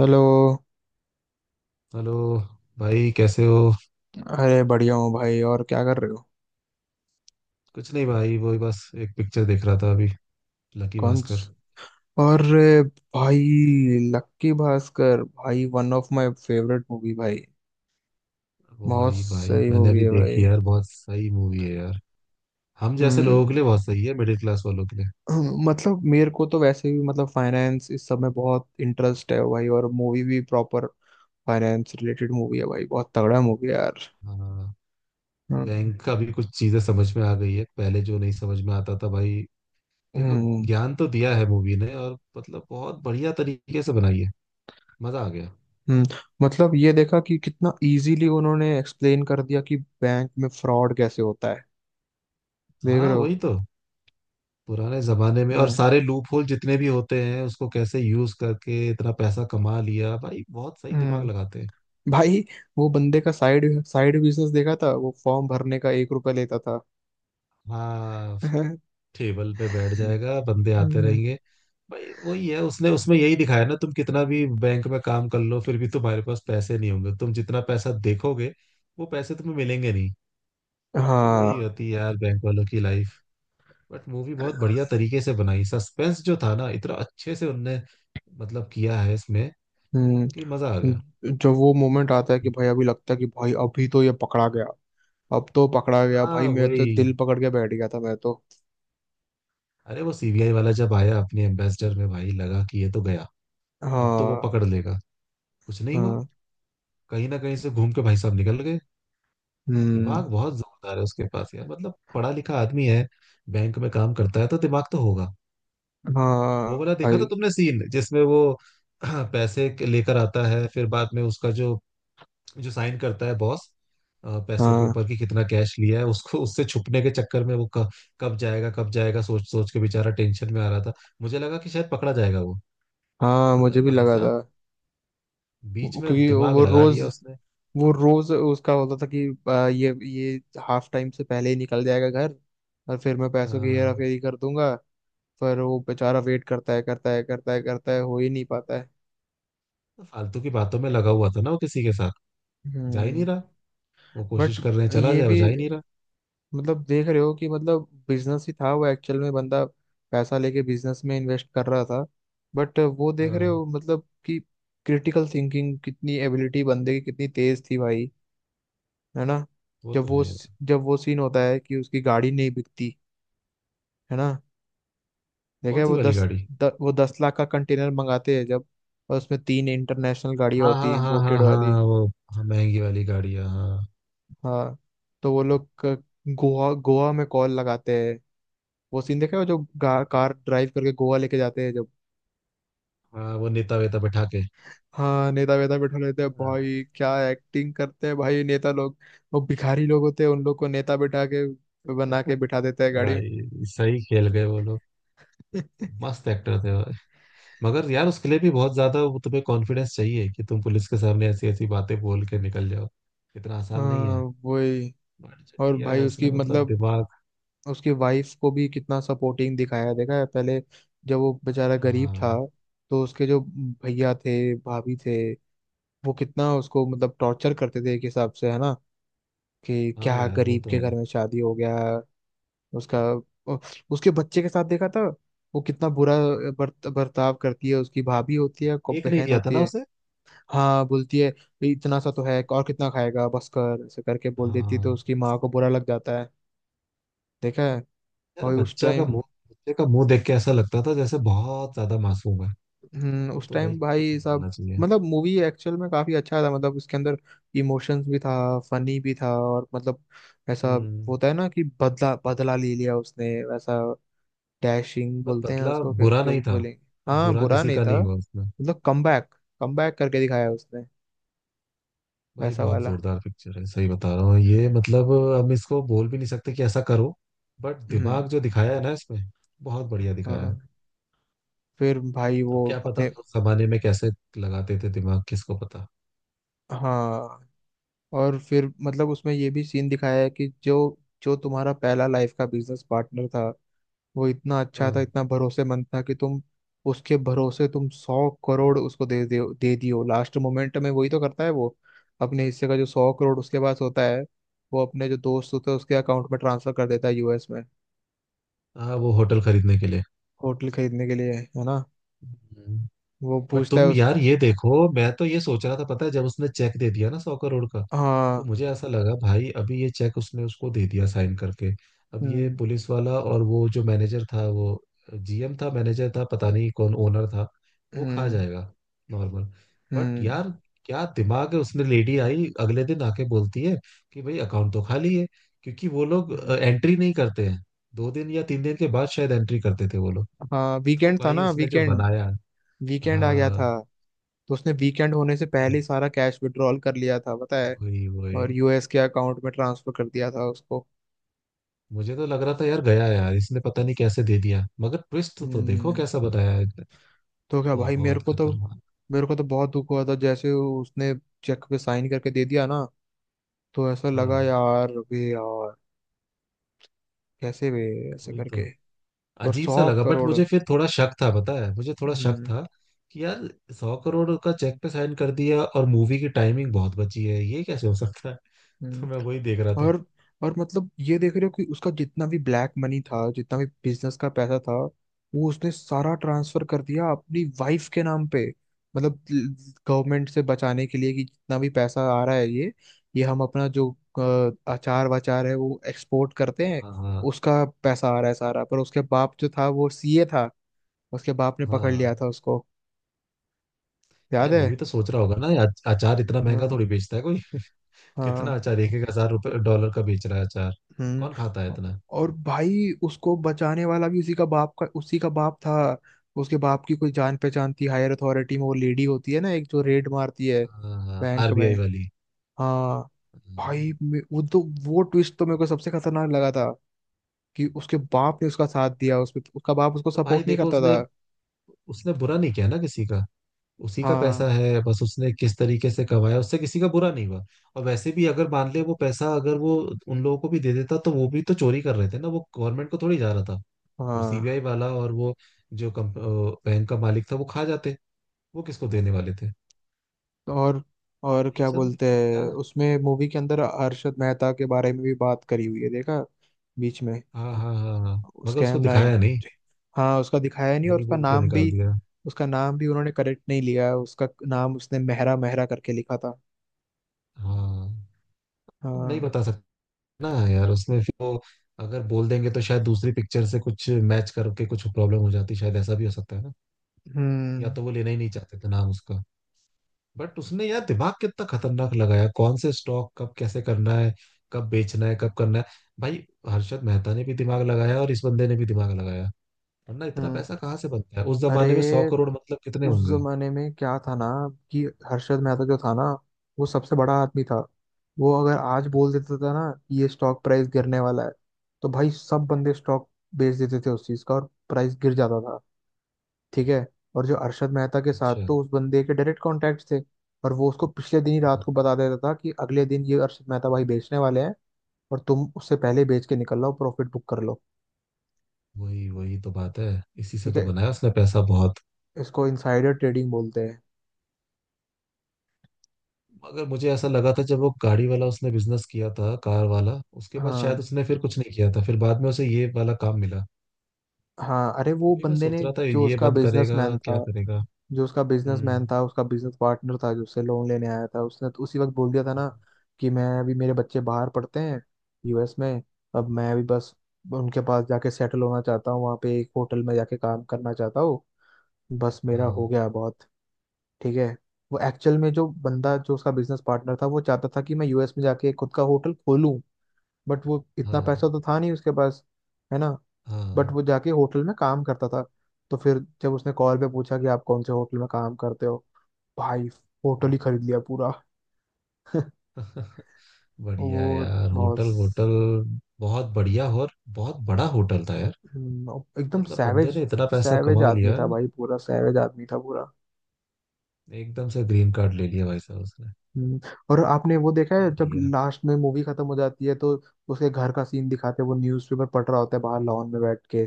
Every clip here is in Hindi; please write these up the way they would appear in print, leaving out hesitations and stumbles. हेलो। हेलो। भाई, कैसे हो? अरे, बढ़िया हूँ भाई। और क्या कर रहे हो? कुछ नहीं भाई, वही बस एक पिक्चर देख रहा था अभी। लकी कौन भास्कर। स- अरे भाई, लक्की भास्कर भाई one of my favourite movie भाई। बहुत वही भाई, सही मैंने मूवी अभी है भाई। देखी यार, बहुत सही मूवी है यार। हम जैसे लोगों हम्म। के लिए बहुत सही है, मिडिल क्लास वालों के लिए। मतलब मेरे को तो वैसे भी, मतलब फाइनेंस इस सब में बहुत इंटरेस्ट है भाई, और मूवी भी प्रॉपर फाइनेंस रिलेटेड मूवी है भाई। बहुत तगड़ा मूवी है यार। हाँ। हम्म। बैंक का भी कुछ चीजें समझ में आ गई है, पहले जो नहीं समझ में आता था भाई। देखो, हम्म। ज्ञान तो दिया है मूवी ने, और मतलब बहुत बढ़िया तरीके से बनाई है। मजा आ गया। हम्म, मतलब ये देखा कि कितना इजीली उन्होंने एक्सप्लेन कर दिया कि बैंक में फ्रॉड कैसे होता है। देख हाँ रहे हो? वही तो। पुराने जमाने में और हाँ। सारे लूप होल जितने भी होते हैं उसको कैसे यूज करके इतना पैसा कमा लिया भाई, बहुत सही दिमाग हम्म। लगाते हैं। भाई, वो बंदे का साइड साइड बिजनेस देखा था, वो फॉर्म भरने का ₹1 लेता था। हाँ। टेबल पे बैठ जाएगा, बंदे आते हम्म। रहेंगे। भाई वही है, उसने उसमें यही दिखाया ना, तुम कितना भी बैंक में काम कर लो फिर भी तुम्हारे पास पैसे नहीं होंगे। तुम जितना पैसा देखोगे वो पैसे तुम्हें मिलेंगे नहीं। तो वही हाँ। होती है यार बैंक वालों की लाइफ। बट मूवी बहुत बढ़िया तरीके से बनाई, सस्पेंस जो था ना इतना अच्छे से उनने मतलब किया है इसमें हम्म। कि मजा आ गया। जब वो मोमेंट आता है कि भाई अभी लगता है कि भाई अभी तो ये पकड़ा गया, अब तो पकड़ा गया हाँ भाई, मैं तो वही। दिल पकड़ के बैठ गया था मैं तो। अरे वो सीबीआई वाला जब आया अपने एम्बेसडर में, भाई लगा कि ये तो गया। अब तो वो हाँ। पकड़ लेगा। कुछ नहीं हुआ। हाँ। कहीं ना कहीं से घूम के भाई साहब निकल गए। हम्म। दिमाग बहुत जोरदार है उसके पास यार, मतलब पढ़ा लिखा आदमी है, बैंक में काम करता है तो दिमाग तो होगा। हाँ वो वाला देखा था भाई। तुमने सीन जिसमें वो लेकर आता है, फिर बाद में उसका जो जो साइन करता है बॉस, पैसों के हाँ। ऊपर कि कितना कैश लिया है उसको, उससे छुपने के चक्कर में कब जाएगा सोच सोच के बेचारा टेंशन में आ रहा था। मुझे लगा कि शायद पकड़ा जाएगा वो। हाँ, मुझे मगर भी भाई लगा साहब था। बीच में क्योंकि दिमाग लगा लिया उसने। वो रोज उसका होता था कि ये हाफ टाइम से पहले ही निकल जाएगा घर, और फिर मैं पैसों की हेरा हाँ। फेरी कर दूंगा। पर वो बेचारा वेट करता है, करता है, करता है, करता है, हो ही नहीं पाता है। तो फालतू की बातों में लगा हुआ था ना वो किसी के साथ, जा ही नहीं हम्म। रहा। वो कोशिश बट कर रहे हैं चला ये जाए, वो भी, जा ही नहीं रहा। मतलब देख रहे हो कि मतलब बिजनेस ही था, वो एक्चुअल में बंदा पैसा लेके बिजनेस में इन्वेस्ट कर रहा था। बट वो देख रहे हाँ हो मतलब कि क्रिटिकल थिंकिंग कितनी, एबिलिटी बंदे की कितनी तेज थी भाई। है ना? वो जब तो वो है यार। जब वो सीन होता है कि उसकी गाड़ी नहीं बिकती, है ना? देखा कौन है सी वो वाली गाड़ी? वो 10 लाख का कंटेनर मंगाते हैं जब, और उसमें तीन इंटरनेशनल गाड़ियां हाँ, होती हाँ, हैं, हाँ, हाँ, इम्पोर्टेड वाली। हाँ वो, हाँ, महंगी वाली गाड़ी है, हाँ। हाँ। तो वो लोग गोवा गोवा में कॉल लगाते हैं। वो सीन देखा है वो जो कार ड्राइव करके गोवा लेके जाते हैं जब। हाँ वो नेता वेता बैठा के। हाँ, नेता वेता बैठा लेते हैं हाँ, भाई, क्या एक्टिंग करते हैं भाई नेता लोग। वो भिखारी लोग होते हैं, उन लोग को नेता बैठा के बना के बिठा देता है गाड़ी में। भाई सही खेल गए वो लोग। मस्त एक्टर थे वो। मगर यार उसके लिए भी बहुत ज्यादा वो तुम्हें कॉन्फिडेंस चाहिए कि तुम पुलिस के सामने ऐसी ऐसी बातें बोल के निकल जाओ। इतना आसान नहीं हाँ है। वही। बट जो और किया भाई है उसकी उसने मतलब मतलब दिमाग। उसकी वाइफ को भी कितना सपोर्टिंग दिखाया है, देखा है पहले जब वो बेचारा गरीब हाँ। था, तो उसके जो भैया थे, भाभी थे, वो कितना उसको मतलब टॉर्चर करते थे एक हिसाब से, है ना? कि हाँ क्या यार वो गरीब तो के है। घर में शादी हो गया उसका। उसके बच्चे के साथ देखा था वो कितना बुरा बर्ताव करती है उसकी, भाभी होती है एक नहीं बहन दिया था होती ना है। उसे। हाँ, बोलती है इतना सा तो है और कितना खाएगा, बस कर, ऐसे करके बोल देती है, तो हाँ। उसकी माँ को बुरा लग जाता है। देखा है? यार और उस बच्चा का टाइम मुंह, बच्चे का मुंह देख के ऐसा लगता था जैसे बहुत ज्यादा मासूम है, हम्म को उस तो भाई टाइम कुछ भाई नहीं बोलना साहब, चाहिए। मतलब मूवी एक्चुअल में काफी अच्छा था, मतलब उसके अंदर इमोशंस भी था, फनी भी था, और मतलब ऐसा हम्म। होता है ना कि बदला बदला ले लिया उसने वैसा। डैशिंग बट बोलते हैं बदला उसको, बुरा जो नहीं भी था। बोलेंगे। हाँ, बुरा बुरा किसी नहीं का था। नहीं हुआ उसमें। मतलब कमबैक कमबैक करके दिखाया उसने, भाई वैसा बहुत वाला। जोरदार पिक्चर है, सही बता रहा हूँ ये, मतलब हम इसको बोल भी नहीं सकते कि ऐसा करो। बट हम्म। दिमाग जो दिखाया है ना इसमें, बहुत बढ़िया दिखाया है। हाँ। फिर भाई वो अब क्या पता अपने, उस जमाने में कैसे लगाते थे दिमाग, किसको पता। हाँ, और फिर मतलब उसमें ये भी सीन दिखाया है कि जो जो तुम्हारा पहला लाइफ का बिजनेस पार्टनर था, वो इतना अच्छा हाँ। था, इतना भरोसेमंद था कि तुम उसके भरोसे तुम 100 करोड़ उसको दे दे दे दियो। लास्ट मोमेंट में वही तो करता है वो, अपने हिस्से का जो 100 करोड़ उसके पास होता है, वो अपने जो दोस्त होते हैं उसके अकाउंट में ट्रांसफर कर देता है यूएस में हाँ वो होटल खरीदने के लिए। होटल खरीदने के लिए, है ना? हम्म। वो बट पूछता है तुम उस यार ये देखो, मैं तो ये सोच रहा था पता है, जब उसने चेक दे दिया ना 100 करोड़ का, हाँ। तो मुझे ऐसा लगा भाई अभी ये चेक उसने उसको दे दिया साइन करके, अब ये हम्म। पुलिस वाला और वो जो मैनेजर था वो, जीएम था मैनेजर था पता नहीं कौन ओनर था, वो खा हम्म। जाएगा नॉर्मल। बट हम्म। यार क्या दिमाग है उसने, लेडी आई अगले दिन आके बोलती है कि भाई अकाउंट तो खाली है। क्योंकि वो लोग हम्म। एंट्री नहीं करते हैं, 2 दिन या 3 दिन के बाद शायद एंट्री करते थे वो लोग। हाँ, तो वीकेंड था भाई ना उसने जो वीकेंड बनाया। वीकेंड आ गया हाँ था। तो उसने वीकेंड होने से पहले ही सारा कैश विड्रॉल कर लिया था पता है, वही और वही। यूएस के अकाउंट में ट्रांसफर कर दिया था उसको। मुझे तो लग रहा था यार गया यार, इसने पता नहीं कैसे दे दिया, मगर ट्विस्ट तो देखो हम्म। कैसा बताया है इसने। तो क्या भाई, मेरे बहुत को तो खतरनाक। मेरे को तो बहुत दुख हुआ था जैसे उसने चेक पे साइन करके दे दिया ना, तो ऐसा लगा हाँ यार, वे यार, कैसे वे ऐसे वही तो। करके। और अजीब सा सौ लगा बट करोड़ मुझे फिर थोड़ा शक था, पता है मुझे थोड़ा शक हम्म। था कि यार 100 करोड़ का चेक पे साइन कर दिया और मूवी की टाइमिंग बहुत बची है, ये कैसे हो सकता है? तो हम्म। मैं वही देख रहा था। और और मतलब ये देख रहे हो कि उसका जितना भी ब्लैक मनी था, जितना भी बिजनेस का पैसा था, वो उसने सारा ट्रांसफर कर दिया अपनी वाइफ के नाम पे, मतलब गवर्नमेंट से बचाने के लिए, कि जितना भी पैसा आ रहा है ये हम अपना जो अचार वाचार है वो एक्सपोर्ट करते हैं, हाँ हाँ उसका पैसा आ रहा है सारा, पर उसके बाप जो था वो सीए था, उसके बाप ने पकड़ लिया हाँ। था उसको। याद यार वो भी है? तो सोच रहा होगा ना, यार अचार इतना महंगा हाँ। थोड़ी बेचता है कोई। हाँ। कितना अचार, एक एक हजार रुपये डॉलर का बेच रहा है अचार, कौन खाता है हम्म। इतना। और भाई उसको बचाने वाला भी उसी का बाप था। उसके बाप की कोई जान पहचान थी हायर अथॉरिटी में, वो लेडी होती है ना एक जो रेड मारती है हाँ बैंक में। आरबीआई वाली। हाँ। हाँ। भाई, वो तो, वो ट्विस्ट तो मेरे को सबसे खतरनाक लगा था कि उसके बाप ने उसका साथ दिया उसमें, उसका बाप उसको तो भाई सपोर्ट नहीं देखो करता उसने, था। उसने बुरा नहीं किया ना किसी का। उसी का पैसा हाँ। है, बस उसने किस तरीके से कमाया उससे किसी का बुरा नहीं हुआ। और वैसे भी अगर मान ले वो पैसा अगर वो उन लोगों को भी दे देता तो वो भी तो चोरी कर रहे थे ना, वो गवर्नमेंट को थोड़ी जा रहा था। वो हाँ। सीबीआई वाला और वो जो बैंक का मालिक था, वो खा जाते। वो किसको देने वाले थे? तो और ये क्या सब। बोलते क्या? हैं उसमें मूवी के अंदर, अरशद मेहता के बारे में भी बात करी हुई है देखा, बीच में, हाँ, हाँ, हाँ, हाँ। मगर स्कैम उसको 9? दिखाया नहीं, हाँ, उसका दिखाया नहीं, और बोल उसका बोल के नाम भी निकाल दिया। उसका नाम भी उन्होंने करेक्ट नहीं लिया है। उसका नाम उसने मेहरा मेहरा करके लिखा था। हाँ। अब नहीं हाँ। बता सकते ना यार उसने फिर वो, अगर बोल देंगे तो शायद दूसरी पिक्चर से कुछ मैच करके कुछ प्रॉब्लम हो जाती, शायद ऐसा भी हो सकता है ना। या हम्म। तो वो लेना ही नहीं चाहते थे नाम उसका। बट उसने यार दिमाग कितना खतरनाक लगाया, कौन से स्टॉक कब कैसे करना है, कब बेचना है कब करना है। भाई हर्षद मेहता ने भी दिमाग लगाया और इस बंदे ने भी दिमाग लगाया, वरना इतना हम्म। पैसा कहाँ से बनता है उस अरे, जमाने में, 100 करोड़ मतलब कितने उस होंगे। जमाने में क्या था ना कि हर्षद मेहता जो था ना, वो सबसे बड़ा आदमी था। वो अगर आज बोल देता था ना कि ये स्टॉक प्राइस गिरने वाला है, तो भाई सब बंदे स्टॉक बेच देते थे उस चीज का, और प्राइस गिर जाता था। ठीक है? और जो अरशद मेहता के साथ अच्छा। तो उस बंदे के डायरेक्ट कॉन्टैक्ट थे, और वो उसको पिछले दिन ही रात हाँ, को बता देता था कि अगले दिन ये अरशद मेहता भाई बेचने वाले हैं, और तुम उससे पहले बेच के निकल लो, प्रॉफिट बुक कर लो। वही वही तो बात है। इसी से ठीक तो है? बनाया उसने पैसा बहुत। इसको इनसाइडर ट्रेडिंग बोलते हैं। मगर मुझे ऐसा लगा था जब वो गाड़ी वाला उसने बिजनेस किया था कार वाला, उसके बाद शायद हाँ। उसने फिर कुछ नहीं किया था, फिर बाद में उसे ये वाला काम मिला। हाँ, अरे तो वो वही मैं बंदे सोच ने, रहा था, जो ये उसका बंद करेगा बिजनेसमैन था क्या करेगा। जो उसका बिजनेसमैन हम्म। था उसका बिजनेस पार्टनर था, जो उससे लोन लेने आया था, उसने तो उसी वक्त बोल दिया था ना हाँ। कि मैं अभी, मेरे बच्चे बाहर पढ़ते हैं यूएस में, अब मैं भी बस उनके पास जाके सेटल होना चाहता हूँ, वहाँ पे एक होटल में जाके काम करना चाहता हूँ, बस मेरा हो हाँ गया बहुत। ठीक है? वो एक्चुअल में जो बंदा, जो उसका बिजनेस पार्टनर था, वो चाहता था कि मैं यूएस में जाके खुद का होटल खोलूं, बट वो इतना हाँ पैसा तो था नहीं उसके पास, है ना? बट हाँ। वो जाके होटल में काम करता था, तो फिर जब उसने कॉल पे पूछा कि आप कौन से होटल में काम करते हो, भाई होटल ही हम्म। खरीद लिया पूरा। बढ़िया वो यार, बहुत होटल होटल बहुत बढ़िया। और बहुत बड़ा होटल था यार, एकदम मतलब बंदे सैवेज। ने इतना पैसा सैवेज कमा आदमी लिया। था भाई, पूरा सैवेज आदमी था पूरा। एकदम से ग्रीन कार्ड ले लिया भाई साहब उसने। हम्म। और आपने वो देखा है, जब बढ़िया। लास्ट में मूवी खत्म हो जाती है तो उसके घर का सीन दिखाते हैं, वो न्यूज़पेपर पढ़ रहा होता है बाहर लॉन में बैठ के,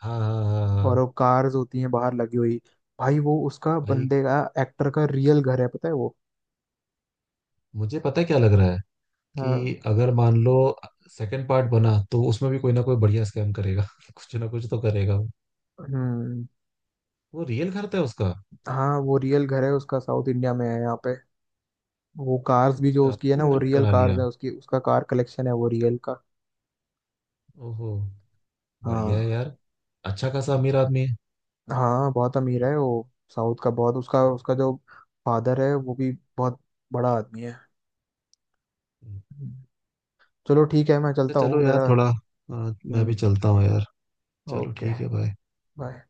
हाँ हाँ हाँ हाँ और हाँ। वो कार्स होती हैं बाहर लगी हुई। भाई वो उसका भाई बंदे का एक्टर का रियल घर है पता है वो। मुझे पता है क्या लग रहा है, हाँ। कि अगर मान लो सेकंड पार्ट बना तो उसमें भी कोई ना कोई बढ़िया स्कैम करेगा। कुछ ना कुछ तो करेगा वो। हम्म। वो रियल घर था उसका। हाँ, वो रियल घर है उसका, साउथ इंडिया में है यहाँ पे। वो कार्स भी जो अच्छा, उसकी है ना, अपने वो घर में रियल बना कार्स लिया। है उसकी, उसका कार कलेक्शन है वो रियल का। ओहो। बढ़िया है हाँ। यार। अच्छा खासा अमीर आदमी है। हाँ, बहुत अमीर है वो साउथ का बहुत, उसका उसका जो फादर है वो भी बहुत बड़ा आदमी है। हम्म। चलो ठीक है, मैं अच्छा चलता चलो हूँ यार, मेरा। थोड़ा मैं हम्म। भी चलता हूँ यार। चलो ओके। ठीक है भाई। बाय।